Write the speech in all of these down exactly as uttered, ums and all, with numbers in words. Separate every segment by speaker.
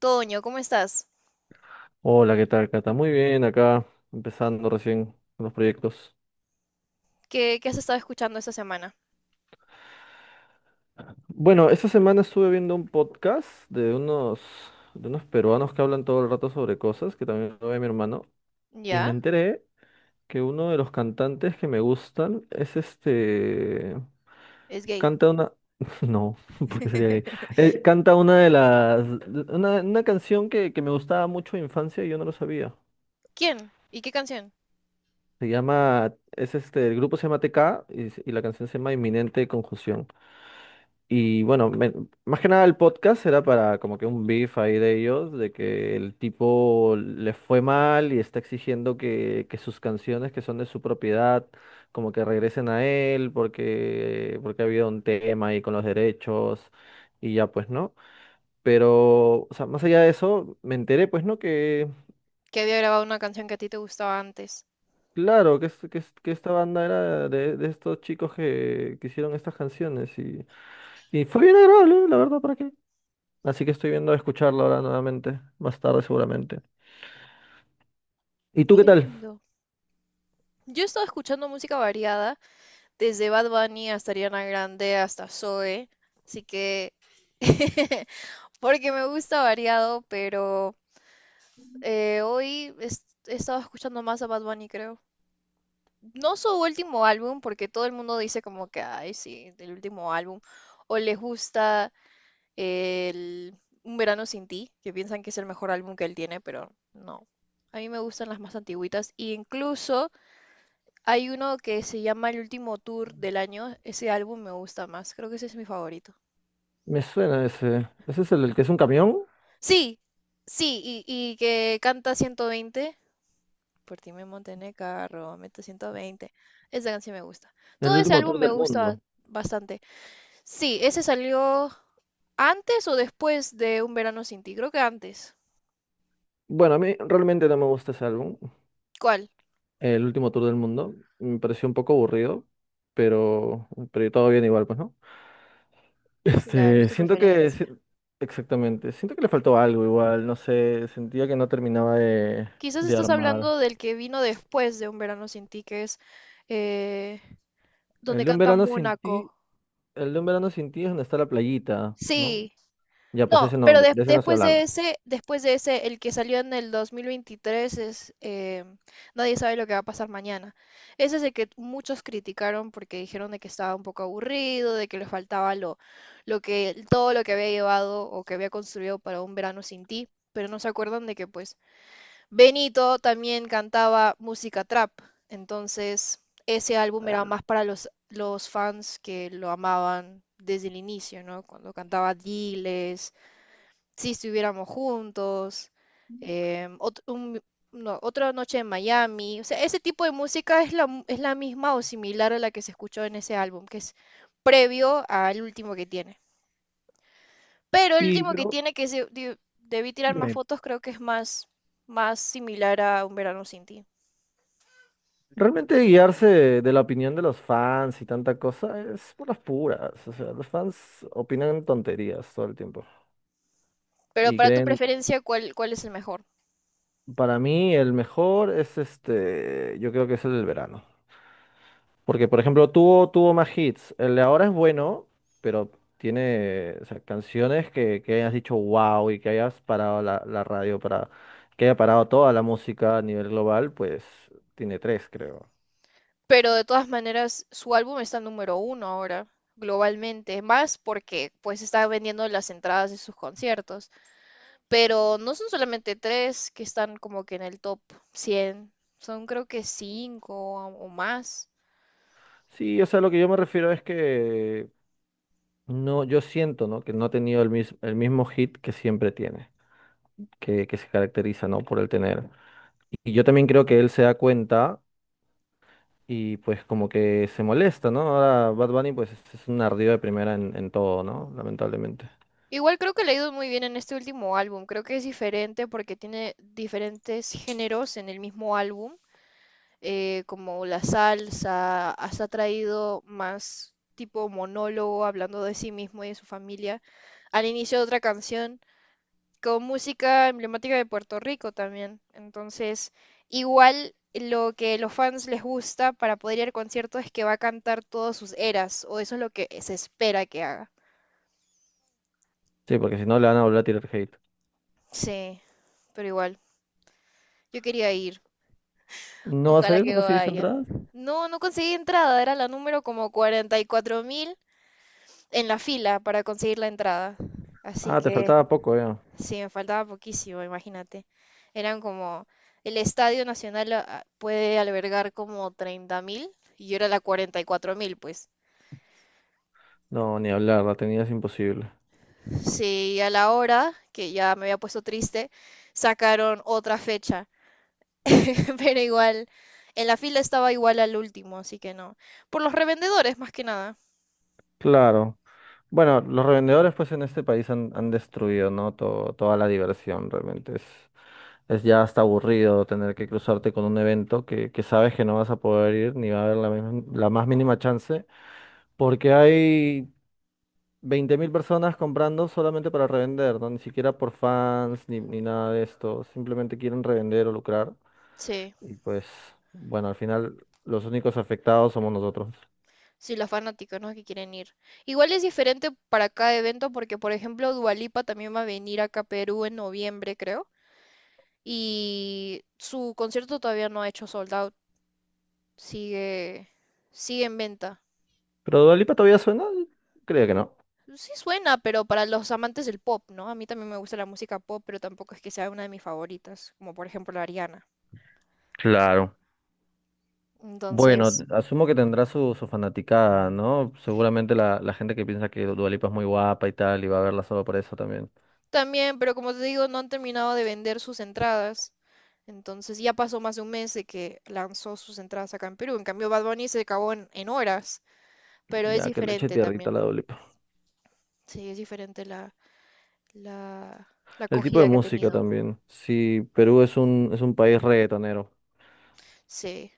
Speaker 1: Toño, ¿cómo estás?
Speaker 2: Hola, ¿qué tal, Cata? Muy bien, acá empezando recién con los proyectos.
Speaker 1: ¿Qué, qué has estado escuchando esta semana?
Speaker 2: Bueno, esta semana estuve viendo un podcast de unos, de unos peruanos que hablan todo el rato sobre cosas, que también lo ve mi hermano, y me
Speaker 1: ¿Ya?
Speaker 2: enteré que uno de los cantantes que me gustan es este...
Speaker 1: Es gay.
Speaker 2: Canta una... No, porque sería gay. Eh, canta una de las... Una, una canción que, que me gustaba mucho en infancia y yo no lo sabía.
Speaker 1: ¿Quién? ¿Y qué canción?
Speaker 2: Se llama... Es este... El grupo se llama T K y, y la canción se llama Inminente Conjunción. Y bueno, me- más que nada el podcast era para como que un beef ahí de ellos, de que el tipo le fue mal y está exigiendo que, que sus canciones que son de su propiedad como que regresen a él porque, porque ha habido un tema ahí con los derechos y ya pues, ¿no? Pero, o sea, más allá de eso, me enteré pues, ¿no? Que,
Speaker 1: Que había grabado una canción que a ti te gustaba antes.
Speaker 2: claro, que, es- que, es- que esta banda era de, de estos chicos que, que hicieron estas canciones y, y fue bien agradable, la verdad, ¿para qué? Así que estoy viendo a escucharlo ahora nuevamente, más tarde seguramente. ¿Y tú qué
Speaker 1: Qué
Speaker 2: tal?
Speaker 1: lindo. Yo he estado escuchando música variada, desde Bad Bunny hasta Ariana Grande, hasta Zoe, así que... Porque me gusta variado, pero eh, hoy es- he estado escuchando más a Bad Bunny, creo. No su último álbum, porque todo el mundo dice como que, ay, sí, el último álbum, o les gusta el Un Verano Sin Ti, que piensan que es el mejor álbum que él tiene, pero no. A mí me gustan las más antiguitas. Y incluso hay uno que se llama El Último Tour del Año. Ese álbum me gusta más. Creo que ese es mi favorito.
Speaker 2: Me suena ese. ¿Ese es el, el que es un camión?
Speaker 1: Sí, sí, y, y que canta ciento veinte. Por ti me monté en el carro, mete ciento veinte. Esa canción me gusta. Todo
Speaker 2: El
Speaker 1: ese
Speaker 2: último
Speaker 1: álbum
Speaker 2: tour
Speaker 1: me
Speaker 2: del
Speaker 1: gusta
Speaker 2: mundo.
Speaker 1: bastante. Sí, ese salió antes o después de Un Verano Sin Ti. Creo que antes.
Speaker 2: Bueno, a mí realmente no me gusta ese álbum,
Speaker 1: ¿Cuál?
Speaker 2: el último tour del mundo. Me pareció un poco aburrido, pero, pero todo bien igual, pues, ¿no?
Speaker 1: Claro, es
Speaker 2: Este,
Speaker 1: tu
Speaker 2: siento que, si-
Speaker 1: preferencia.
Speaker 2: exactamente, siento que le faltó algo igual, no sé, sentía que no terminaba de,
Speaker 1: Quizás
Speaker 2: de
Speaker 1: estás
Speaker 2: armar.
Speaker 1: hablando del que vino después de Un Verano Sin Ti, que es eh, donde
Speaker 2: El de un
Speaker 1: canta
Speaker 2: verano sin ti,
Speaker 1: Mónaco.
Speaker 2: el de un verano sin ti es donde está la playita, ¿no?
Speaker 1: Sí,
Speaker 2: Ya, pues
Speaker 1: no,
Speaker 2: ese no,
Speaker 1: pero
Speaker 2: de
Speaker 1: des-
Speaker 2: de ese no estoy
Speaker 1: después de
Speaker 2: hablando.
Speaker 1: ese, después de ese, el que salió en el dos mil veintitrés es eh, Nadie sabe lo que va a pasar mañana. Ese es el que muchos criticaron porque dijeron de que estaba un poco aburrido, de que le faltaba lo, lo que, todo lo que había llevado o que había construido para Un Verano Sin Ti, pero no se acuerdan de que pues Benito también cantaba música trap, entonces ese álbum era más para los, los fans que lo amaban desde el inicio, ¿no? Cuando cantaba Diles, Si estuviéramos juntos, eh, ot- un- no, Otra noche en Miami, o sea, ese tipo de música es la, es la misma o similar a la que se escuchó en ese álbum, que es previo al último que tiene. Pero el
Speaker 2: Sí,
Speaker 1: último que
Speaker 2: pero
Speaker 1: tiene, que se, debí tirar más
Speaker 2: dime,
Speaker 1: fotos, creo que es más, más similar a Un verano sin ti.
Speaker 2: realmente guiarse de la opinión de los fans y tanta cosa es por las puras. O sea, los fans opinan tonterías todo el tiempo.
Speaker 1: Pero
Speaker 2: Y
Speaker 1: para tu
Speaker 2: creen,
Speaker 1: preferencia, ¿cuál, cuál es el mejor?
Speaker 2: para mí el mejor es este, yo creo que es el del verano. Porque, por ejemplo, tuvo, tuvo más hits. El de ahora es bueno, pero tiene, o sea, canciones que, que hayas dicho wow y que hayas parado la, la radio para, que haya parado toda la música a nivel global, pues tiene tres, creo.
Speaker 1: Pero de todas maneras, su álbum está número uno ahora, globalmente, más porque pues está vendiendo las entradas de sus conciertos. Pero no son solamente tres que están como que en el top cien, son creo que cinco o o más.
Speaker 2: Sí, o sea, lo que yo me refiero es que no, yo siento, ¿no? Que no ha tenido el mismo, el mismo hit que siempre tiene, que, que se caracteriza, ¿no? Por el tener. Y yo también creo que él se da cuenta y pues como que se molesta, ¿no? Ahora Bad Bunny pues es es un ardido de primera en, en todo, ¿no? Lamentablemente.
Speaker 1: Igual creo que le ha ido muy bien en este último álbum, creo que es diferente porque tiene diferentes géneros en el mismo álbum eh, como la salsa, hasta ha traído más tipo monólogo hablando de sí mismo y de su familia al inicio de otra canción con música emblemática de Puerto Rico también. Entonces, igual lo que los fans les gusta para poder ir al concierto es que va a cantar todas sus eras, o eso es lo que se espera que haga.
Speaker 2: Sí, porque si no le van a volver a tirar hate.
Speaker 1: Sí, pero igual, yo quería ir.
Speaker 2: ¿No va a
Speaker 1: Ojalá
Speaker 2: salir? ¿No
Speaker 1: que
Speaker 2: conseguiste
Speaker 1: vaya.
Speaker 2: entradas?
Speaker 1: No, no conseguí entrada, era la número como cuarenta y cuatro mil en la fila para conseguir la entrada. Así
Speaker 2: Ah, te
Speaker 1: que
Speaker 2: faltaba poco ya.
Speaker 1: sí, me faltaba poquísimo, imagínate. Eran como, el Estadio Nacional ah, puede albergar como treinta mil y yo era la cuarenta y cuatro mil, pues.
Speaker 2: No, ni hablar, la tenías imposible.
Speaker 1: Sí, a la hora, que ya me había puesto triste, sacaron otra fecha. Pero igual, en la fila estaba igual al último, así que no. Por los revendedores, más que nada.
Speaker 2: Claro. Bueno, los revendedores pues en este país han, han destruido, ¿no? Todo- toda la diversión realmente. Es, es ya hasta aburrido tener que cruzarte con un evento que, que sabes que no vas a poder ir ni va a haber la, misma- la más mínima chance porque hay veinte mil personas comprando solamente para revender, ¿no? Ni siquiera por fans ni, ni nada de esto. Simplemente quieren revender o lucrar
Speaker 1: Sí.
Speaker 2: y pues bueno, al final los únicos afectados somos nosotros.
Speaker 1: Sí, los fanáticos, ¿no? Que quieren ir. Igual es diferente para cada evento porque, por ejemplo, Dua Lipa también va a venir acá a Perú en noviembre, creo. Y su concierto todavía no ha hecho sold out. Sigue, sigue en venta.
Speaker 2: ¿Pero Dua Lipa todavía suena? Creo que no.
Speaker 1: Sí suena, pero para los amantes del pop, ¿no? A mí también me gusta la música pop, pero tampoco es que sea una de mis favoritas, como por ejemplo la Ariana.
Speaker 2: Claro. Bueno,
Speaker 1: Entonces,
Speaker 2: asumo que tendrá su, su fanaticada, ¿no? Seguramente la, la gente que piensa que Dua Lipa es muy guapa y tal, y va a verla solo por eso también.
Speaker 1: también, pero como te digo, no han terminado de vender sus entradas. Entonces ya pasó más de un mes de que lanzó sus entradas acá en Perú. En cambio, Bad Bunny se acabó en, en horas, pero es
Speaker 2: Ya, que le eche
Speaker 1: diferente
Speaker 2: tierrita a
Speaker 1: también.
Speaker 2: la Dua Lipa.
Speaker 1: Sí, es diferente la, la, la
Speaker 2: El tipo de
Speaker 1: acogida que ha
Speaker 2: música
Speaker 1: tenido.
Speaker 2: también. Sí, Perú es un, es un país reggaetonero.
Speaker 1: Sí,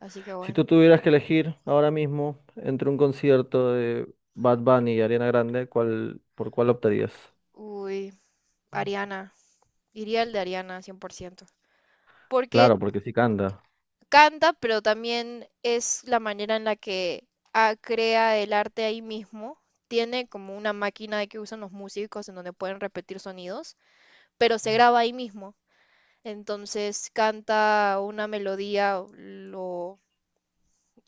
Speaker 1: así que
Speaker 2: Si tú
Speaker 1: bueno.
Speaker 2: tuvieras que elegir ahora mismo entre un concierto de Bad Bunny y Ariana Grande, ¿cuál, por cuál optarías?
Speaker 1: Uy, Ariana. Iría el de Ariana cien por ciento. Porque
Speaker 2: Claro, porque sí canta.
Speaker 1: canta, pero también es la manera en la que ah, crea el arte ahí mismo. Tiene como una máquina de que usan los músicos en donde pueden repetir sonidos, pero se graba ahí mismo. Entonces canta una melodía, lo,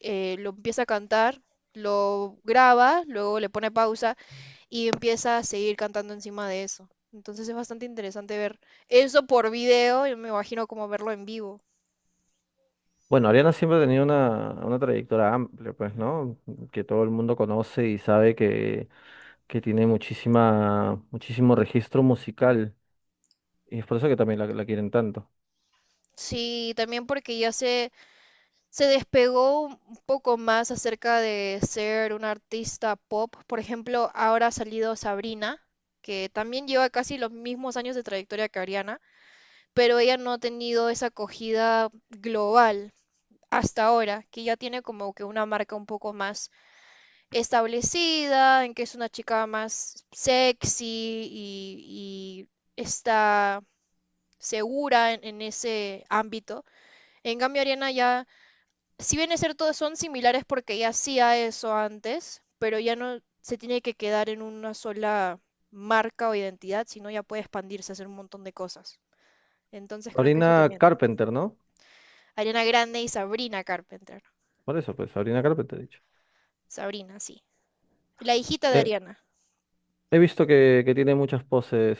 Speaker 1: eh, lo empieza a cantar, lo graba, luego le pone pausa y empieza a seguir cantando encima de eso. Entonces es bastante interesante ver eso por video, yo me imagino como verlo en vivo.
Speaker 2: Bueno, Ariana siempre ha tenido una, una trayectoria amplia, pues, ¿no? Que todo el mundo conoce y sabe que que tiene muchísima, muchísimo registro musical y es por eso que también la, la quieren tanto.
Speaker 1: Sí, también porque ya se se despegó un poco más acerca de ser una artista pop. Por ejemplo, ahora ha salido Sabrina, que también lleva casi los mismos años de trayectoria que Ariana, pero ella no ha tenido esa acogida global hasta ahora, que ya tiene como que una marca un poco más establecida, en que es una chica más sexy y, y está segura en, en ese ámbito. En cambio, Ariana ya si bien es cierto, son similares porque ya hacía eso antes, pero ya no se tiene que quedar en una sola marca o identidad, sino ya puede expandirse, hacer un montón de cosas. Entonces creo que eso
Speaker 2: Sabrina
Speaker 1: también.
Speaker 2: Carpenter, ¿no?
Speaker 1: Ariana Grande y Sabrina Carpenter.
Speaker 2: Por eso, pues, Sabrina Carpenter, he dicho.
Speaker 1: Sabrina, sí. La hijita de
Speaker 2: Eh,
Speaker 1: Ariana.
Speaker 2: he visto que, que tiene muchas poses.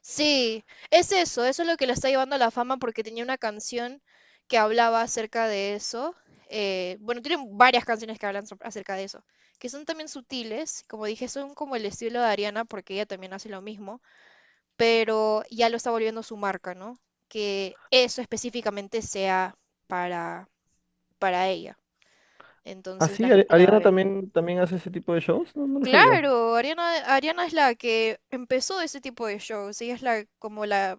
Speaker 1: Sí, es eso, eso es lo que lo está llevando a la fama porque tenía una canción que hablaba acerca de eso. Eh, bueno, tiene varias canciones que hablan so- acerca de eso, que son también sutiles, como dije, son como el estilo de Ariana porque ella también hace lo mismo, pero ya lo está volviendo su marca, ¿no? Que eso específicamente sea para, para ella.
Speaker 2: Ah,
Speaker 1: Entonces la
Speaker 2: sí, Ari-
Speaker 1: gente la va a
Speaker 2: Ariana
Speaker 1: ver.
Speaker 2: también, también hace ese tipo de shows, no, no lo sabía.
Speaker 1: Claro, Ariana, Ariana es la que empezó ese tipo de shows, ella es la como la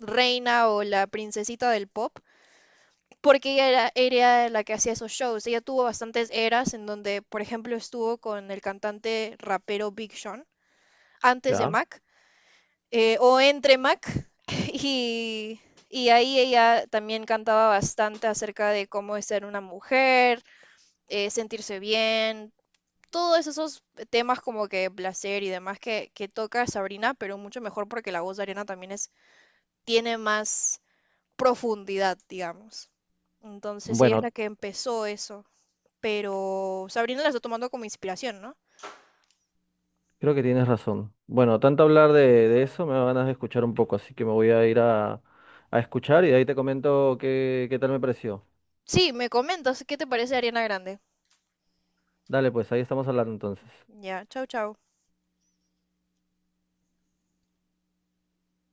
Speaker 1: reina o la princesita del pop, porque ella era, era la que hacía esos shows. Ella tuvo bastantes eras en donde, por ejemplo, estuvo con el cantante rapero Big Sean antes de
Speaker 2: Ya,
Speaker 1: Mac eh, o entre Mac y, y ahí ella también cantaba bastante acerca de cómo es ser una mujer, eh, sentirse bien, todos esos temas como que placer y demás que, que toca Sabrina, pero mucho mejor porque la voz de Ariana también es, tiene más profundidad, digamos. Entonces ella es la
Speaker 2: bueno,
Speaker 1: que empezó eso, pero Sabrina la está tomando como inspiración, ¿no?
Speaker 2: creo que tienes razón. Bueno, tanto hablar de, de eso me da ganas de escuchar un poco, así que me voy a ir a, a escuchar y de ahí te comento qué, qué tal me pareció.
Speaker 1: Sí, me comentas, ¿qué te parece Ariana Grande?
Speaker 2: Dale, pues, ahí estamos hablando entonces.
Speaker 1: Ya, chau, chau.